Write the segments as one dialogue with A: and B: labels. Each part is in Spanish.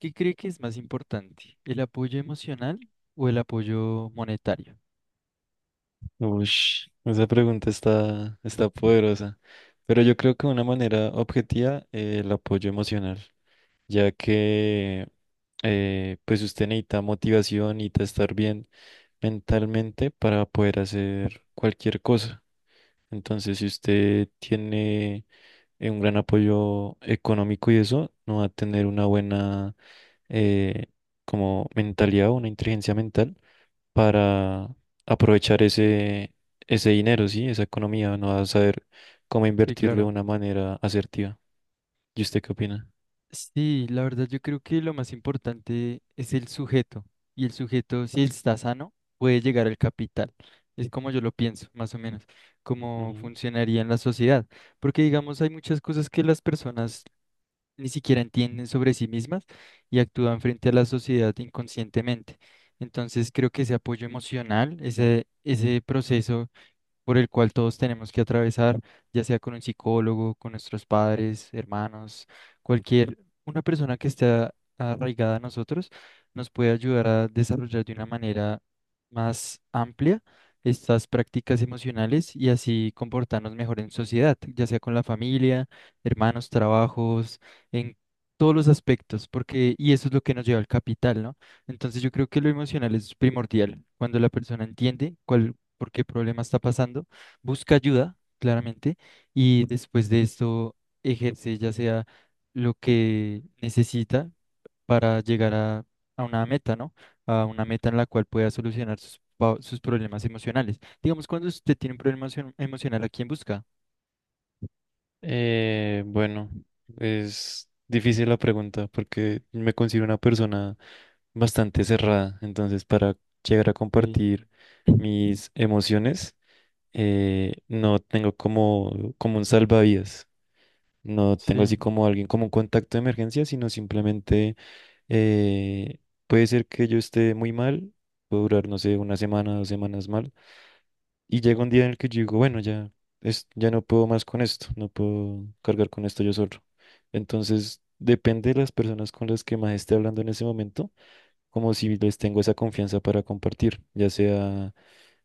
A: ¿Qué cree que es más importante, el apoyo emocional o el apoyo monetario?
B: Ush, esa pregunta está poderosa. Pero yo creo que de una manera objetiva, el apoyo emocional, ya que pues usted necesita motivación, necesita estar bien mentalmente para poder hacer cualquier cosa. Entonces, si usted tiene un gran apoyo económico y eso, no va a tener una buena eh, como mentalidad o una inteligencia mental para aprovechar ese dinero, ¿sí? Esa economía, no va a saber cómo
A: Sí,
B: invertirlo de
A: claro.
B: una manera asertiva. ¿Y usted qué opina?
A: Sí, la verdad yo creo que lo más importante es el sujeto y el sujeto si está sano puede llegar al capital. Es como yo lo pienso, más o menos, cómo
B: Ujú.
A: funcionaría en la sociedad. Porque digamos, hay muchas cosas que las personas ni siquiera entienden sobre sí mismas y actúan frente a la sociedad inconscientemente. Entonces creo que ese apoyo emocional, ese proceso por el cual todos tenemos que atravesar, ya sea con un psicólogo, con nuestros padres, hermanos, cualquier, una persona que esté arraigada a nosotros nos puede ayudar a desarrollar de una manera más amplia estas prácticas emocionales y así comportarnos mejor en sociedad, ya sea con la familia, hermanos, trabajos, en todos los aspectos, porque y eso es lo que nos lleva al capital, ¿no? Entonces yo creo que lo emocional es primordial. Cuando la persona entiende cuál por qué problema está pasando, busca ayuda, claramente, y después de esto ejerce ya sea lo que necesita para llegar a una meta, ¿no? A una meta en la cual pueda solucionar sus problemas emocionales. Digamos, cuando usted tiene un problema emocional, ¿a quién busca?
B: Bueno, es difícil la pregunta porque me considero una persona bastante cerrada, entonces para llegar a
A: Ok.
B: compartir mis emociones, no tengo como un salvavidas, no tengo
A: Sí,
B: así como alguien como un contacto de emergencia, sino simplemente eh, puede ser que yo esté muy mal, puedo durar, no sé, una semana, 2 semanas mal y llega un día en el que yo digo, bueno, ya, ya no puedo más con esto, no puedo cargar con esto yo solo. Entonces, depende de las personas con las que más esté hablando en ese momento, como si les tengo esa confianza para compartir, ya sea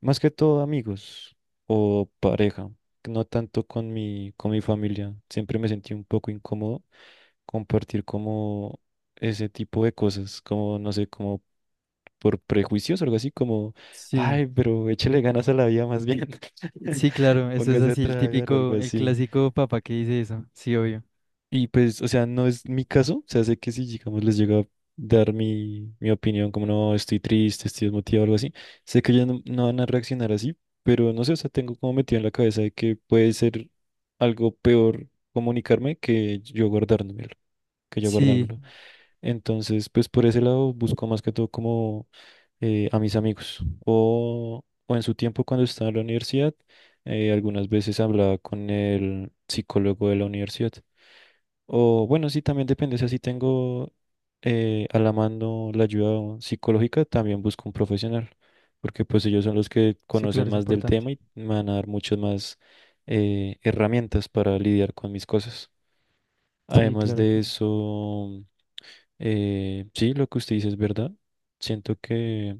B: más que todo amigos o pareja, no tanto con mi familia. Siempre me sentí un poco incómodo compartir como ese tipo de cosas, como, no sé, como por prejuicios o algo así como,
A: sí,
B: ay, pero échale ganas a la vida más bien.
A: sí, claro, eso es
B: Póngase a
A: así, el
B: trabajar o algo
A: típico, el
B: así.
A: clásico papá que dice eso, sí, obvio.
B: Y pues, o sea, no es mi caso, o sea, sé que si, digamos, les llega a dar mi, mi opinión, como no, estoy triste, estoy desmotivado o algo así, sé que ellos no, no van a reaccionar así, pero no sé, o sea, tengo como metido en la cabeza de que puede ser algo peor comunicarme que yo guardármelo, que yo
A: Sí,
B: guardármelo. Entonces, pues por ese lado busco más que todo como a mis amigos. O en su tiempo cuando estaba en la universidad, algunas veces hablaba con el psicólogo de la universidad. O bueno, sí, también depende. O sea, si tengo a la mano la ayuda psicológica, también busco un profesional. Porque pues ellos son los que
A: sí, claro,
B: conocen
A: es
B: más del
A: importante.
B: tema y me van a dar muchas más herramientas para lidiar con mis cosas.
A: Sí,
B: Además
A: claro.
B: de eso. Sí, lo que usted dice es verdad. Siento que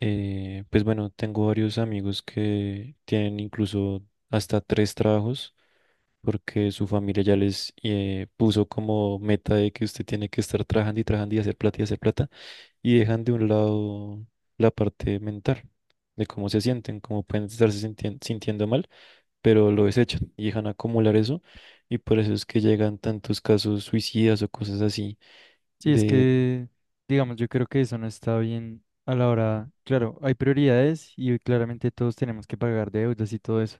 B: pues bueno, tengo varios amigos que tienen incluso hasta tres trabajos porque su familia ya les puso como meta de que usted tiene que estar trabajando y trabajando y hacer plata y hacer plata y dejan de un lado la parte mental de cómo se sienten, cómo pueden estarse sintiendo mal, pero lo desechan y dejan acumular eso y por eso es que llegan tantos casos suicidas o cosas así.
A: Sí, es
B: De
A: que, digamos, yo creo que eso no está bien a la hora. Claro, hay prioridades y claramente todos tenemos que pagar deudas y todo eso.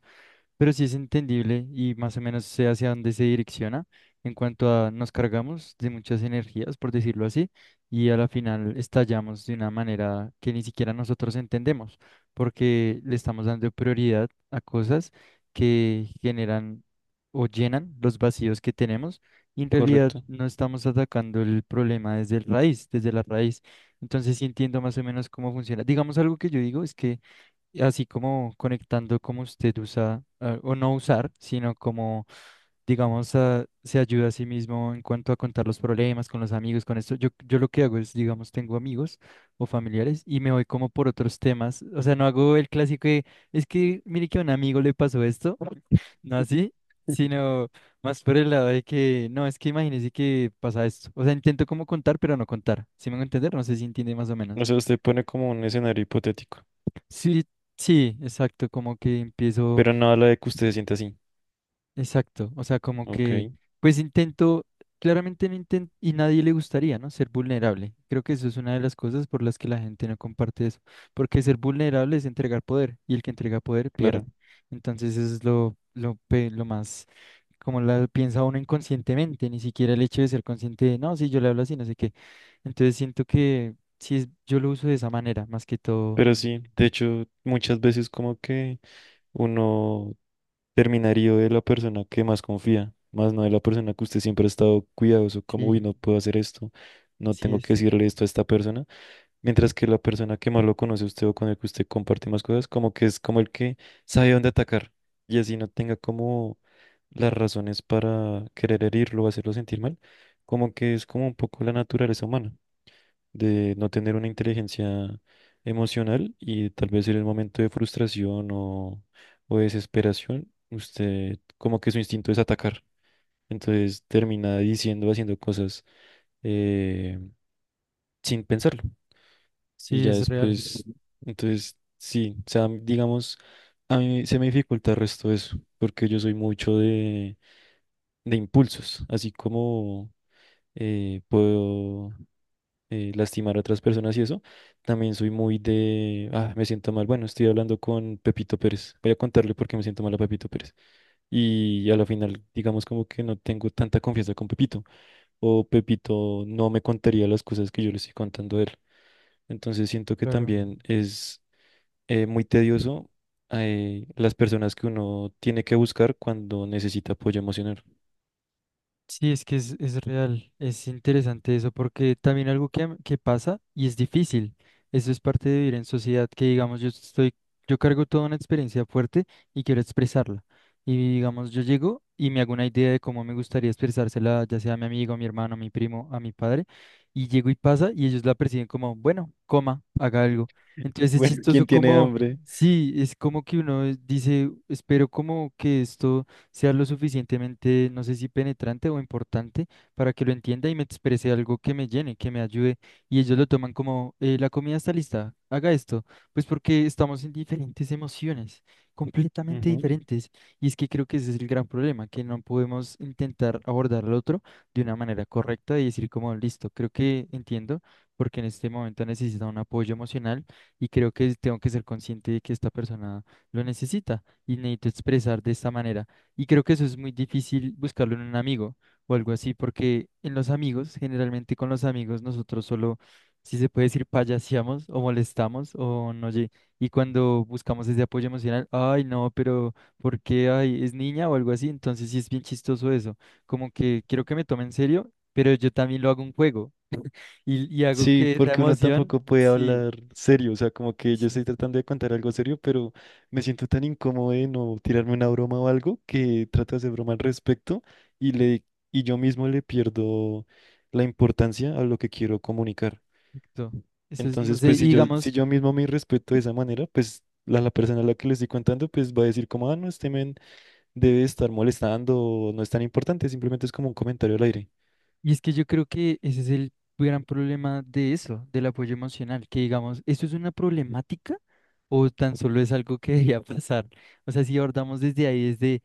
A: Pero sí es entendible y más o menos sé hacia dónde se direcciona en cuanto a nos cargamos de muchas energías, por decirlo así, y a la final estallamos de una manera que ni siquiera nosotros entendemos, porque le estamos dando prioridad a cosas que generan o llenan los vacíos que tenemos y en realidad
B: Correcto.
A: no estamos atacando el problema desde el raíz, desde la raíz. Entonces sí entiendo más o menos cómo funciona. Digamos algo que yo digo es que así como conectando como usted usa ah, o no usar, sino como, digamos, ah, se ayuda a sí mismo en cuanto a contar los problemas con los amigos, con esto. Yo lo que hago es, digamos, tengo amigos o familiares y me voy como por otros temas. O sea, no hago el clásico de, es que mire que a un amigo le pasó esto, no así, sino más por el lado de que, no, es que imagínese que pasa esto. O sea, intento como contar, pero no contar. ¿Sí me van a entender? No sé si entiende más o
B: O
A: menos.
B: sea, usted pone como un escenario hipotético,
A: Sí, sí, exacto, como que empiezo.
B: pero no habla de que usted se sienta así.
A: Exacto, o sea, como
B: Ok,
A: que, pues intento, claramente no intento, y nadie le gustaría, ¿no? Ser vulnerable. Creo que eso es una de las cosas por las que la gente no comparte eso, porque ser vulnerable es entregar poder, y el que entrega poder pierde.
B: claro.
A: Entonces eso es lo más, como la piensa uno inconscientemente, ni siquiera el hecho de ser consciente de, no, si yo le hablo así, no sé qué. Entonces siento que sí, yo lo uso de esa manera, más que todo,
B: Pero sí, de hecho, muchas veces como que uno terminaría de la persona que más confía, más no de la persona que usted siempre ha estado cuidadoso, como, uy,
A: sí,
B: no puedo hacer esto, no
A: sí
B: tengo
A: es,
B: que decirle esto a esta persona. Mientras que la persona que más lo conoce a usted o con el que usted comparte más cosas, como que es como el que sabe dónde atacar y así no tenga como las razones para querer herirlo o hacerlo sentir mal, como que es como un poco la naturaleza humana de no tener una inteligencia emocional y tal vez en el momento de frustración o desesperación, usted como que su instinto es atacar, entonces termina diciendo, haciendo cosas eh, sin pensarlo. Y
A: sí
B: ya
A: es real,
B: después, entonces, sí, o sea, digamos, a mí se me dificulta el resto de eso, porque yo soy mucho de impulsos, así como puedo lastimar a otras personas y eso, también soy muy de, ah, me siento mal, bueno, estoy hablando con Pepito Pérez, voy a contarle por qué me siento mal a Pepito Pérez. Y a la final, digamos como que no tengo tanta confianza con Pepito, o Pepito no me contaría las cosas que yo le estoy contando a él. Entonces siento que
A: claro.
B: también es muy tedioso las personas que uno tiene que buscar cuando necesita apoyo emocional.
A: Sí, es que es real, es interesante eso, porque también algo que, que pasa y es difícil, eso es parte de vivir en sociedad, que digamos yo estoy, yo cargo toda una experiencia fuerte y quiero expresarla, y digamos yo llego y me hago una idea de cómo me gustaría expresársela, ya sea a mi amigo, a mi hermano, a mi primo, a mi padre, y llego y pasa y ellos la perciben como, bueno, coma, haga algo. Entonces es
B: Bueno,
A: chistoso
B: ¿quién tiene
A: como,
B: hambre?
A: sí, es como que uno dice, espero como que esto sea lo suficientemente, no sé si penetrante o importante, para que lo entienda y me exprese algo que me llene, que me ayude. Y ellos lo toman como, la comida está lista, haga esto, pues porque estamos en diferentes emociones, completamente
B: Ujú.
A: diferentes. Y es que creo que ese es el gran problema, que no podemos intentar abordar al otro de una manera correcta y decir como, listo, creo que entiendo, porque en este momento necesita un apoyo emocional y creo que tengo que ser consciente de que esta persona lo necesita y necesito expresar de esta manera. Y creo que eso es muy difícil buscarlo en un amigo o algo así, porque en los amigos, generalmente con los amigos, nosotros solo, si se puede decir, payaseamos o molestamos o no, y cuando buscamos ese apoyo emocional, ay, no, pero ¿por qué? Ay, es niña o algo así, entonces sí es bien chistoso eso, como que quiero que me tome en serio, pero yo también lo hago un juego y hago
B: Sí,
A: que esa
B: porque uno
A: emoción,
B: tampoco puede
A: sí,
B: hablar serio, o sea, como que yo estoy tratando de contar algo serio, pero me siento tan incómodo de no tirarme una broma o algo que trato de hacer broma al respecto y le y yo mismo le pierdo la importancia a lo que quiero comunicar.
A: exacto. Eso es, no
B: Entonces,
A: sé, y
B: pues si yo
A: digamos...
B: si yo mismo me respeto de esa manera, pues la persona a la que le estoy contando, pues va a decir como, ah, no, este men debe estar molestando, no es tan importante, simplemente es como un comentario al aire.
A: Y es que yo creo que ese es el gran problema de eso, del apoyo emocional, que digamos, ¿esto es una problemática o tan solo es algo que debería pasar? O sea, si abordamos desde ahí, desde,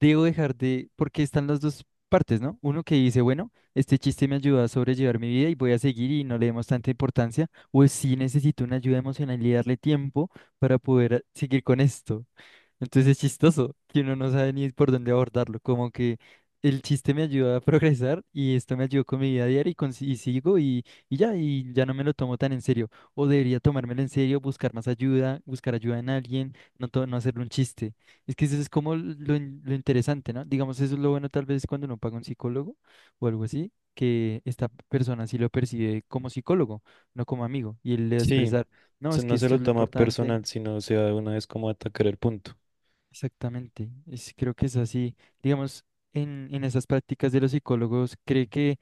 A: debo dejar de, porque están las dos partes, ¿no? Uno que dice, bueno, este chiste me ayuda a sobrellevar mi vida y voy a seguir y no le demos tanta importancia, o si necesito una ayuda emocional y darle tiempo para poder seguir con esto. Entonces es chistoso que uno no sabe ni por dónde abordarlo. Como que el chiste me ayuda a progresar y esto me ayudó con mi vida diaria y sigo y ya no me lo tomo tan en serio. O debería tomármelo en serio, buscar más ayuda, buscar ayuda en alguien, no, no hacerlo un chiste. Es que eso es como lo interesante, ¿no? Digamos, eso es lo bueno tal vez cuando uno paga un psicólogo o algo así, que esta persona sí lo percibe como psicólogo, no como amigo. Y él le va a
B: Sí,
A: expresar, no, es que
B: no se
A: esto
B: lo
A: es lo
B: toma
A: importante.
B: personal, sino o sea de una vez como a atacar el punto.
A: Exactamente, es, creo que es así. Digamos, en esas prácticas de los psicólogos, ¿cree que,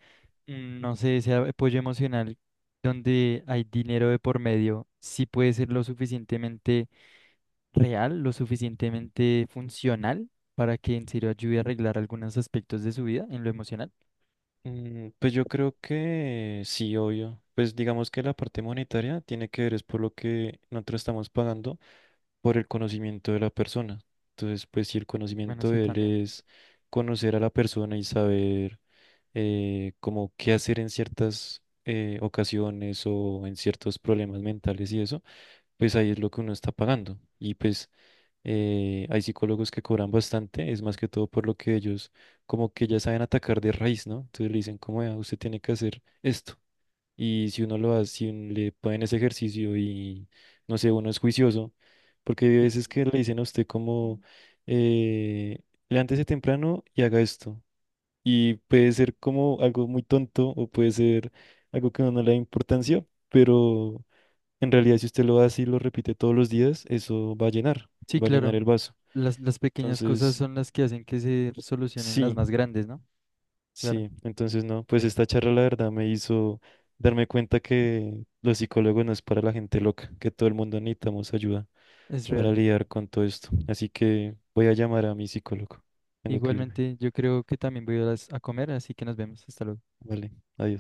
A: mm, no sé, ese apoyo emocional donde hay dinero de por medio, sí puede ser lo suficientemente real, lo suficientemente funcional para que en serio ayude a arreglar algunos aspectos de su vida en lo emocional?
B: Pues yo creo que sí, obvio. Pues digamos que la parte monetaria tiene que ver es por lo que nosotros estamos pagando por el conocimiento de la persona. Entonces, pues si el
A: Bueno,
B: conocimiento
A: sí,
B: de él
A: también.
B: es conocer a la persona y saber como qué hacer en ciertas ocasiones o en ciertos problemas mentales y eso pues ahí es lo que uno está pagando. Y pues hay psicólogos que cobran bastante, es más que todo por lo que ellos como que ya saben atacar de raíz, ¿no? Entonces le dicen, como "Vea, usted tiene que hacer esto". Y si uno lo hace, si un- le ponen ese ejercicio y no sé, uno es juicioso, porque hay
A: Sí,
B: veces que le dicen a usted como eh, levántese temprano y haga esto. Y puede ser como algo muy tonto o puede ser algo que no le da importancia, pero en realidad, si usted lo hace y lo repite todos los días, eso
A: sí,
B: va a llenar
A: claro.
B: el vaso.
A: Las pequeñas cosas
B: Entonces,
A: son las que hacen que se solucionen las
B: sí,
A: más grandes, ¿no? Claro,
B: sí, entonces no, pues esta charla la verdad me hizo darme cuenta que los psicólogos no es para la gente loca, que todo el mundo necesitamos ayuda
A: es
B: para
A: real.
B: lidiar con todo esto. Así que voy a llamar a mi psicólogo. Tengo que irme.
A: Igualmente, yo creo que también voy a, a comer, así que nos vemos. Hasta luego.
B: Vale, adiós.